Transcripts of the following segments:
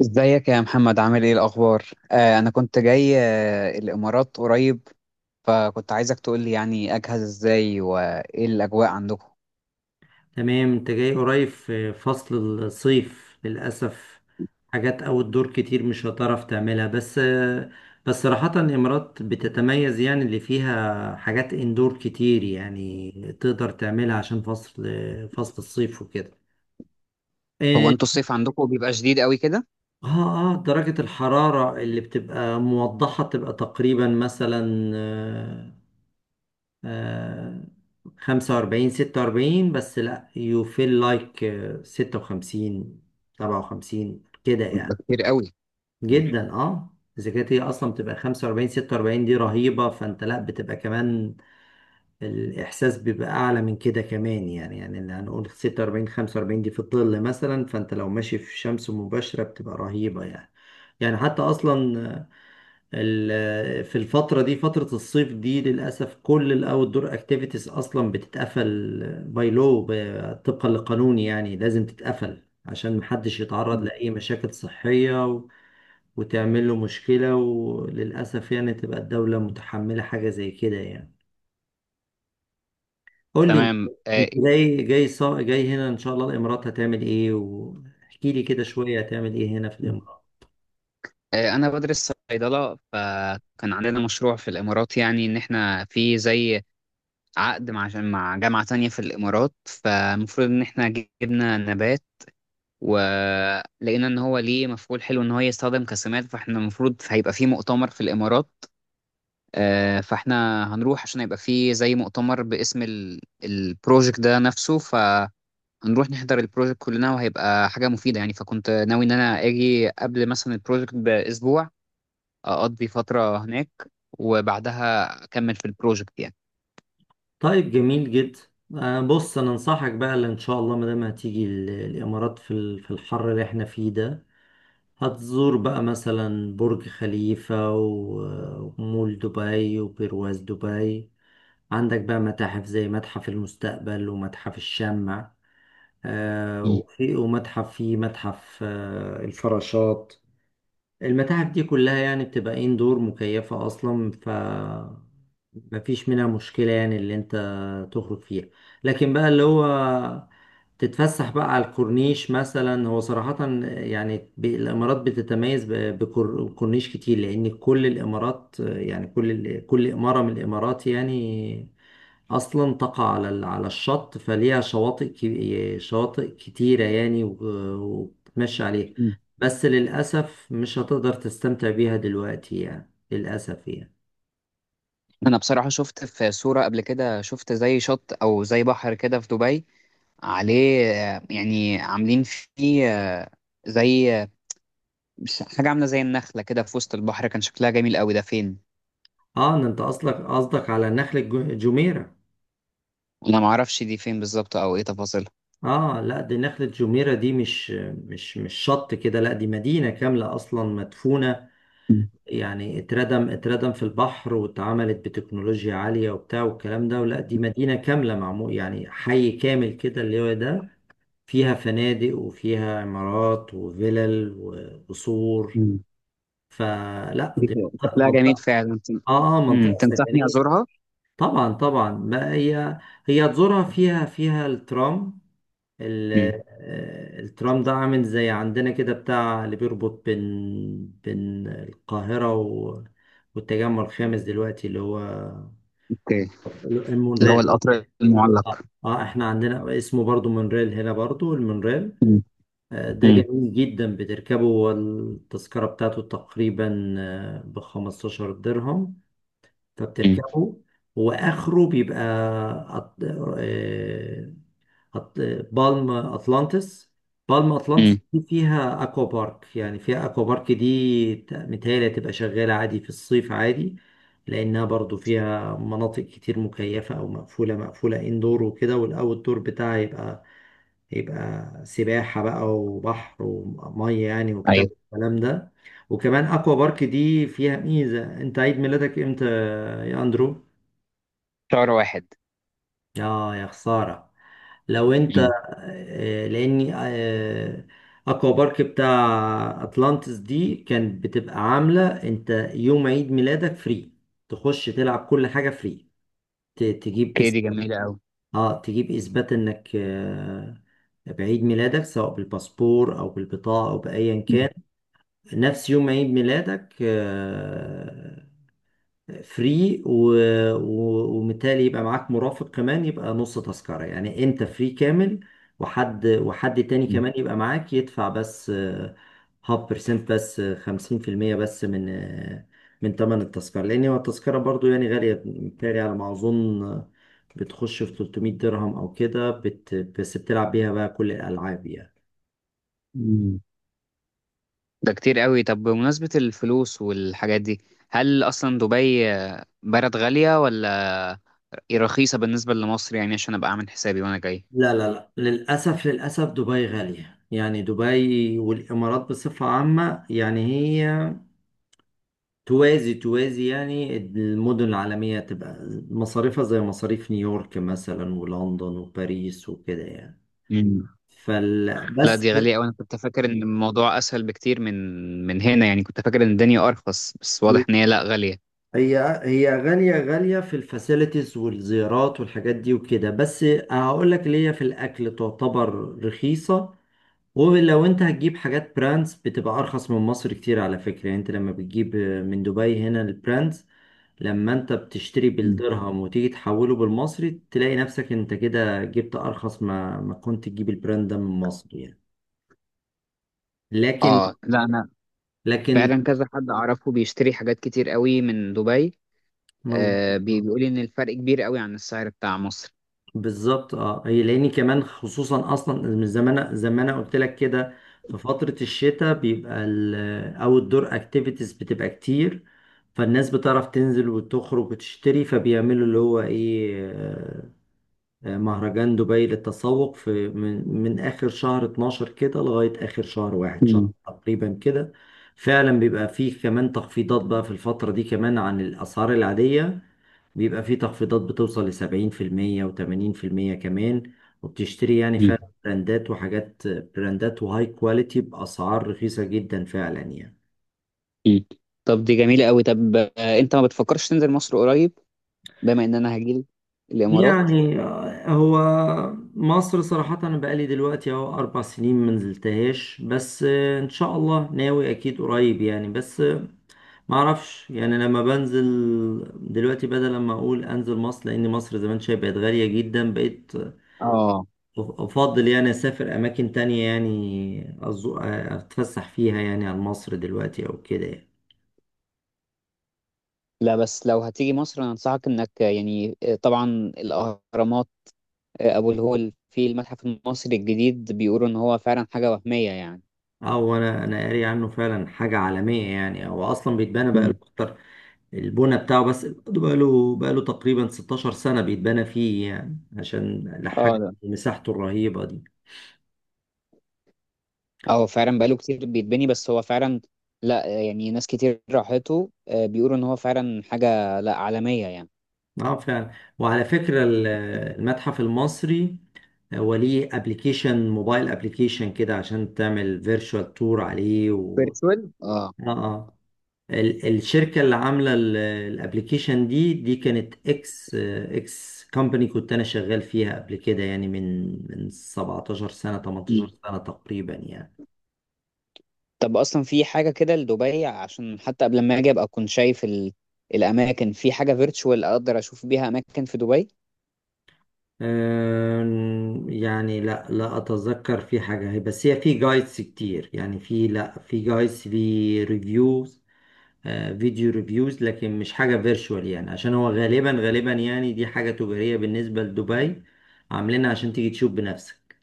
ازيك يا محمد؟ عامل ايه الاخبار؟ انا كنت جاي الامارات قريب، فكنت عايزك تقول لي يعني اجهز ازاي وايه الاجواء عندكم. تمام، انت جاي قريب في فصل الصيف للأسف. حاجات أوت دور كتير مش هتعرف تعملها. بس صراحة الإمارات بتتميز، يعني اللي فيها حاجات اندور كتير، يعني تقدر تعملها عشان فصل الصيف وكده. هو اه انتوا الصيف عندكم بيبقى شديد قوي كده؟ اه. آه، درجة الحرارة اللي بتبقى موضحة بتبقى تقريبا مثلا آه، 45 46. بس لأ، you feel like 56 57 كده بيبقى يعني. كتير قوي. مم. جدا اه. إذا كانت هي أصلا بتبقى 45 46 دي رهيبة، فأنت لأ بتبقى كمان. الإحساس بيبقى أعلى من كده كمان، يعني اللي هنقول 46 45 دي في الظل مثلا. فأنت لو ماشي في شمس مباشرة بتبقى رهيبة يعني. يعني حتى أصلا، في الفترة دي، فترة الصيف دي للأسف كل الأوت دور أكتيفيتيز أصلا بتتقفل، باي، لو طبقا للقانون يعني لازم تتقفل عشان محدش يتعرض مم. لأي مشاكل صحية وتعمل له مشكلة، وللأسف يعني تبقى الدولة متحملة حاجة زي كده يعني. قول لي أنت، تمام. أنت إيه؟ جاي هنا إن شاء الله الإمارات هتعمل إيه، واحكي لي كده شوية هتعمل إيه هنا في الإمارات. انا بدرس صيدله، فكان عندنا مشروع في الامارات، يعني ان احنا في زي عقد مع جامعه تانية في الامارات، فالمفروض ان احنا جبنا نبات ولقينا ان هو ليه مفعول حلو ان هو يستخدم كسمات. فاحنا المفروض هيبقى فيه مؤتمر في الامارات، فاحنا هنروح عشان هيبقى فيه زي مؤتمر باسم البروجكت ده نفسه، فهنروح نحضر البروجكت كلنا وهيبقى حاجة مفيدة يعني. فكنت ناوي ان انا اجي قبل مثلا البروجكت باسبوع، اقضي فترة هناك وبعدها اكمل في البروجكت يعني. طيب جميل جدا. بص انا انصحك بقى، اللي ان شاء الله ما دام هتيجي الامارات في في الحر اللي احنا فيه ده، هتزور بقى مثلا برج خليفة ومول دبي وبرواز دبي. عندك بقى متاحف زي متحف المستقبل ومتحف الشمع، مم. وفي ومتحف فيه متحف الفراشات. المتاحف دي كلها يعني بتبقى إيه، اندور مكيفة أصلا، ف مفيش منها مشكلة، يعني اللي أنت تخرج فيها. لكن بقى اللي هو تتفسح بقى على الكورنيش مثلا، هو صراحة يعني الإمارات بتتميز بكورنيش كتير، لأن كل الإمارات يعني كل إمارة من الإمارات يعني أصلا تقع على على الشط، فليها شواطئ كتيرة يعني، وبتتمشى عليها. مم. بس للأسف مش هتقدر تستمتع بيها دلوقتي يعني للأسف يعني. انا بصراحة شفت في صورة قبل كده، شفت زي شط او زي بحر كده في دبي، عليه يعني عاملين فيه زي حاجة عاملة زي النخلة كده في وسط البحر، كان شكلها جميل قوي. ده فين؟ اه إن انت اصلك قصدك على جميرة. أنا معرفش دي فين بالظبط أو إيه تفاصيلها. اه لا، دي نخلة جميرة، دي مش شط كده. لا، دي مدينة كاملة اصلا مدفونة، مم. يعني اتردم في البحر، واتعملت بتكنولوجيا عالية وبتاع والكلام ده. ولا دي مدينة كاملة معمول، يعني حي كامل كده اللي هو ده فيها فنادق وفيها عمارات وفلل وقصور. مم. فلا دي دي فين؟ شكلها جميل منطقة، فعلا. اه منطقة تنصحني سكنية. أزورها؟ طبعا طبعا، ما هي هي تزورها. فيها الترام، ال- مم. الترام ده عامل زي عندنا كده، بتاع اللي بيربط بين القاهرة والتجمع الخامس دلوقتي، اللي هو أوكي. اللي هو المونريل. القطر اه. المعلق. احنا عندنا اسمه برضو مونريل، هنا برضو المونريل. مم. ده مم. جميل جدا، بتركبه، والتذكرة بتاعته تقريبا ب 15 درهم. مم. فبتركبه، واخره بيبقى أط... آه، أط... بالم اتلانتس. بالم اتلانتس مم. دي فيها اكوا بارك، يعني فيها اكوا بارك دي متهيألي هتبقى شغالة عادي في الصيف عادي، لانها برضو فيها مناطق كتير مكيفة او مقفولة اندور وكده. والاوت دور بتاعها يبقى سباحة بقى وبحر ومية يعني، وبتاع أيوه. الكلام ده. وكمان اكوا بارك دي فيها ميزة. انت عيد ميلادك امتى يا اندرو؟ شهر واحد. اه يا خسارة. لو انت مم. لاني اكوا بارك بتاع اتلانتس دي كانت بتبقى عاملة انت يوم عيد ميلادك فري، تخش تلعب كل حاجة فري. ت- تجيب أوكي، دي إث- جميلة قوي. اه، تجيب اثبات انك بعيد ميلادك، سواء بالباسبور او بالبطاقة او بايا كان، نفس يوم عيد ميلادك فري. و... وبالتالي يبقى معاك مرافق كمان، يبقى نص تذكرة. يعني انت فري كامل، وحد تاني مم. كمان يبقى معاك، يدفع بس هاف بيرسنت، بس 50% بس من من تمن التذكرة. لأن هو التذكرة برضو يعني غالية، بالتالي على ما أظن بتخش في 300 درهم أو كده. بس بتلعب بيها بقى كل الألعاب يعني. مم. ده كتير قوي. طب بمناسبة الفلوس والحاجات دي، هل أصلا دبي بلد غالية، ولا إيه؟ رخيصة بالنسبة لمصر يعني؟ عشان أبقى أعمل حسابي وأنا جاي. لا للأسف، دبي غالية. يعني دبي والإمارات بصفة عامة يعني هي توازي يعني المدن العالمية، تبقى مصاريفها زي مصاريف نيويورك مثلا ولندن وباريس وكده يعني. مم. فال لا بس. دي غالية أوي. أنا كنت فاكر إن الموضوع أسهل بكتير من من هنا يعني، كنت فاكر إن الدنيا أرخص، بس واضح إن هي لا، غالية. هي هي غالية في الفاسيلتيز والزيارات والحاجات دي وكده. بس هقول لك ليه، في الأكل تعتبر رخيصة. ولو انت هتجيب حاجات براندز بتبقى أرخص من مصر كتير على فكرة، يعني انت لما بتجيب من دبي هنا البراندز، لما انت بتشتري مم. بالدرهم وتيجي تحوله بالمصري تلاقي نفسك انت كده جبت ارخص ما كنت تجيب البراند ده من مصر يعني. لكن اه. لا انا لكن فعلا كذا حد اعرفه بيشتري حاجات كتير قوي من دبي. مظبوط. آه، بيقول لي ان الفرق كبير قوي عن السعر بتاع مصر. بالظبط اه، هي لاني كمان خصوصا اصلا من زمان زي ما انا قلت لك كده، في فترة الشتاء بيبقى الاوت دور اكتيفيتيز بتبقى كتير، فالناس بتعرف تنزل وتخرج وتشتري، فبيعملوا اللي هو ايه، مهرجان دبي للتسوق، في من آخر شهر 12 كده لغاية آخر شهر واحد، شهر مم. تقريبا كده. فعلا بيبقى فيه كمان تخفيضات بقى في الفترة دي، كمان عن الأسعار العادية. بيبقى فيه تخفيضات بتوصل لسبعين في المية وتمانين في المية كمان. وبتشتري يعني مم. فعلا براندات وحاجات، وهاي كواليتي بأسعار رخيصة جدا فعلا يعني. مم. طب دي جميلة قوي. طب انت ما بتفكرش تنزل مصر قريب، بما ان انا هجيلك الامارات؟ يعني هو مصر صراحة، أنا بقالي دلوقتي أهو 4 سنين منزلتهاش. بس إن شاء الله ناوي أكيد قريب يعني. بس معرفش يعني، لما بنزل دلوقتي، بدل لما أقول أنزل مصر، لأن مصر زمان شايف بقت غالية جدا، بقيت اه. أفضل يعني أسافر أماكن تانية يعني أتفسح فيها، يعني عن مصر دلوقتي أو كده يعني. لا بس لو هتيجي مصر انا انصحك انك يعني طبعا الاهرامات، ابو الهول، في المتحف المصري الجديد بيقولوا ان هو فعلا حاجه وهميه يعني. أو أنا قاري عنه فعلا حاجة عالمية يعني، هو أصلا بيتبنى بقاله مم. أكتر البنى بتاعه، بس برضه بقاله تقريبا 16 سنة بيتبنى فيه، يعني عشان اه لحاجة ده، مساحته الرهيبة دي. اه فعلا بقاله كتير بيتبني، بس هو فعلا لا يعني ناس كتير راحته بيقولوا ان هو فعلا حاجه لا عالميه يعني. اه فعلا. وعلى فكرة المتحف المصري هو ليه ابلكيشن موبايل، ابلكيشن كده عشان تعمل فيرتشوال تور عليه فيرتشوال اه. اه اه. الشركة اللي عاملة الابلكيشن دي كانت اكس كومباني، كنت انا شغال فيها قبل كده يعني من 17 سنة مم. 18 سنة تقريبا يعني. طب اصلا في حاجه كده لدبي؟ عشان حتى قبل ما اجي ابقى اكون شايف الاماكن، في حاجه فيرتشوال اقدر اشوف بيها اماكن في دبي؟ يعني لا لا اتذكر في حاجه، هي بس هي في جايدز كتير يعني، في لا في جايدز، في ريفيوز، فيديو ريفيوز، لكن مش حاجه فيرتشوال. يعني عشان هو غالبا يعني دي حاجه تجاريه بالنسبه لدبي، عاملينها عشان تيجي تشوف بنفسك.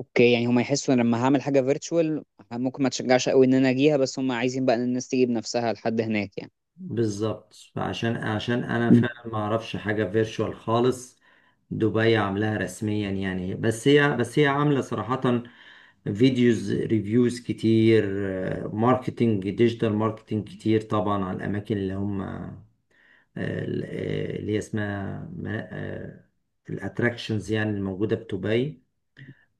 اوكي، يعني هم يحسوا ان لما هعمل حاجه فيرتشوال ممكن ما تشجعش قوي ان انا اجيها، بس هم عايزين بقى ان الناس تيجي بنفسها لحد هناك يعني. بالظبط، عشان انا مم. فعلا ما اعرفش حاجه فيرتشوال خالص دبي عاملاها رسميا يعني. بس هي عامله صراحه فيديوز ريفيوز كتير، ماركتينج، ديجيتال ماركتينج كتير طبعا على الاماكن اللي هم اللي هي اسمها الاتراكشنز، يعني الموجوده في دبي،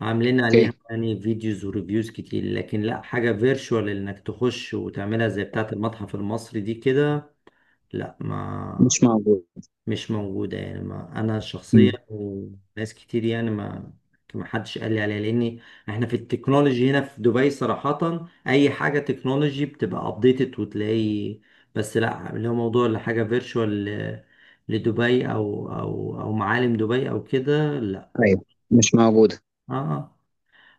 عاملين عليها اوكي. يعني فيديوز وريفيوز كتير. لكن لا، حاجه فيرتشوال انك تخش وتعملها زي بتاعه المتحف المصري دي كده لا ما. مش موجود. مش موجودة يعني، ما أنا شخصيا مم. وناس كتير يعني ما، ما حدش قال لي عليها، لأن إحنا في التكنولوجي هنا في دبي صراحة، أي حاجة تكنولوجي بتبقى أبديتد وتلاقي. بس لا اللي هو موضوع اللي حاجة فيرتشوال لدبي أو معالم دبي أو كده لا. ايوه. مش موجوده. آه آه.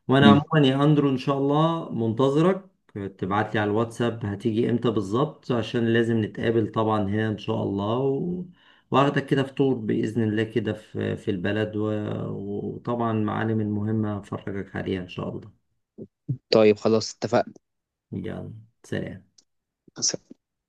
وانا مم. عموما يا اندرو ان شاء الله منتظرك، تبعت لي على الواتساب هتيجي امتى بالظبط عشان لازم نتقابل طبعا هنا ان شاء الله، واخدك كده فطور باذن الله كده في البلد، وطبعا معالم المهمه هفرجك عليها ان شاء الله. طيب خلاص، اتفقنا. يلا سلام.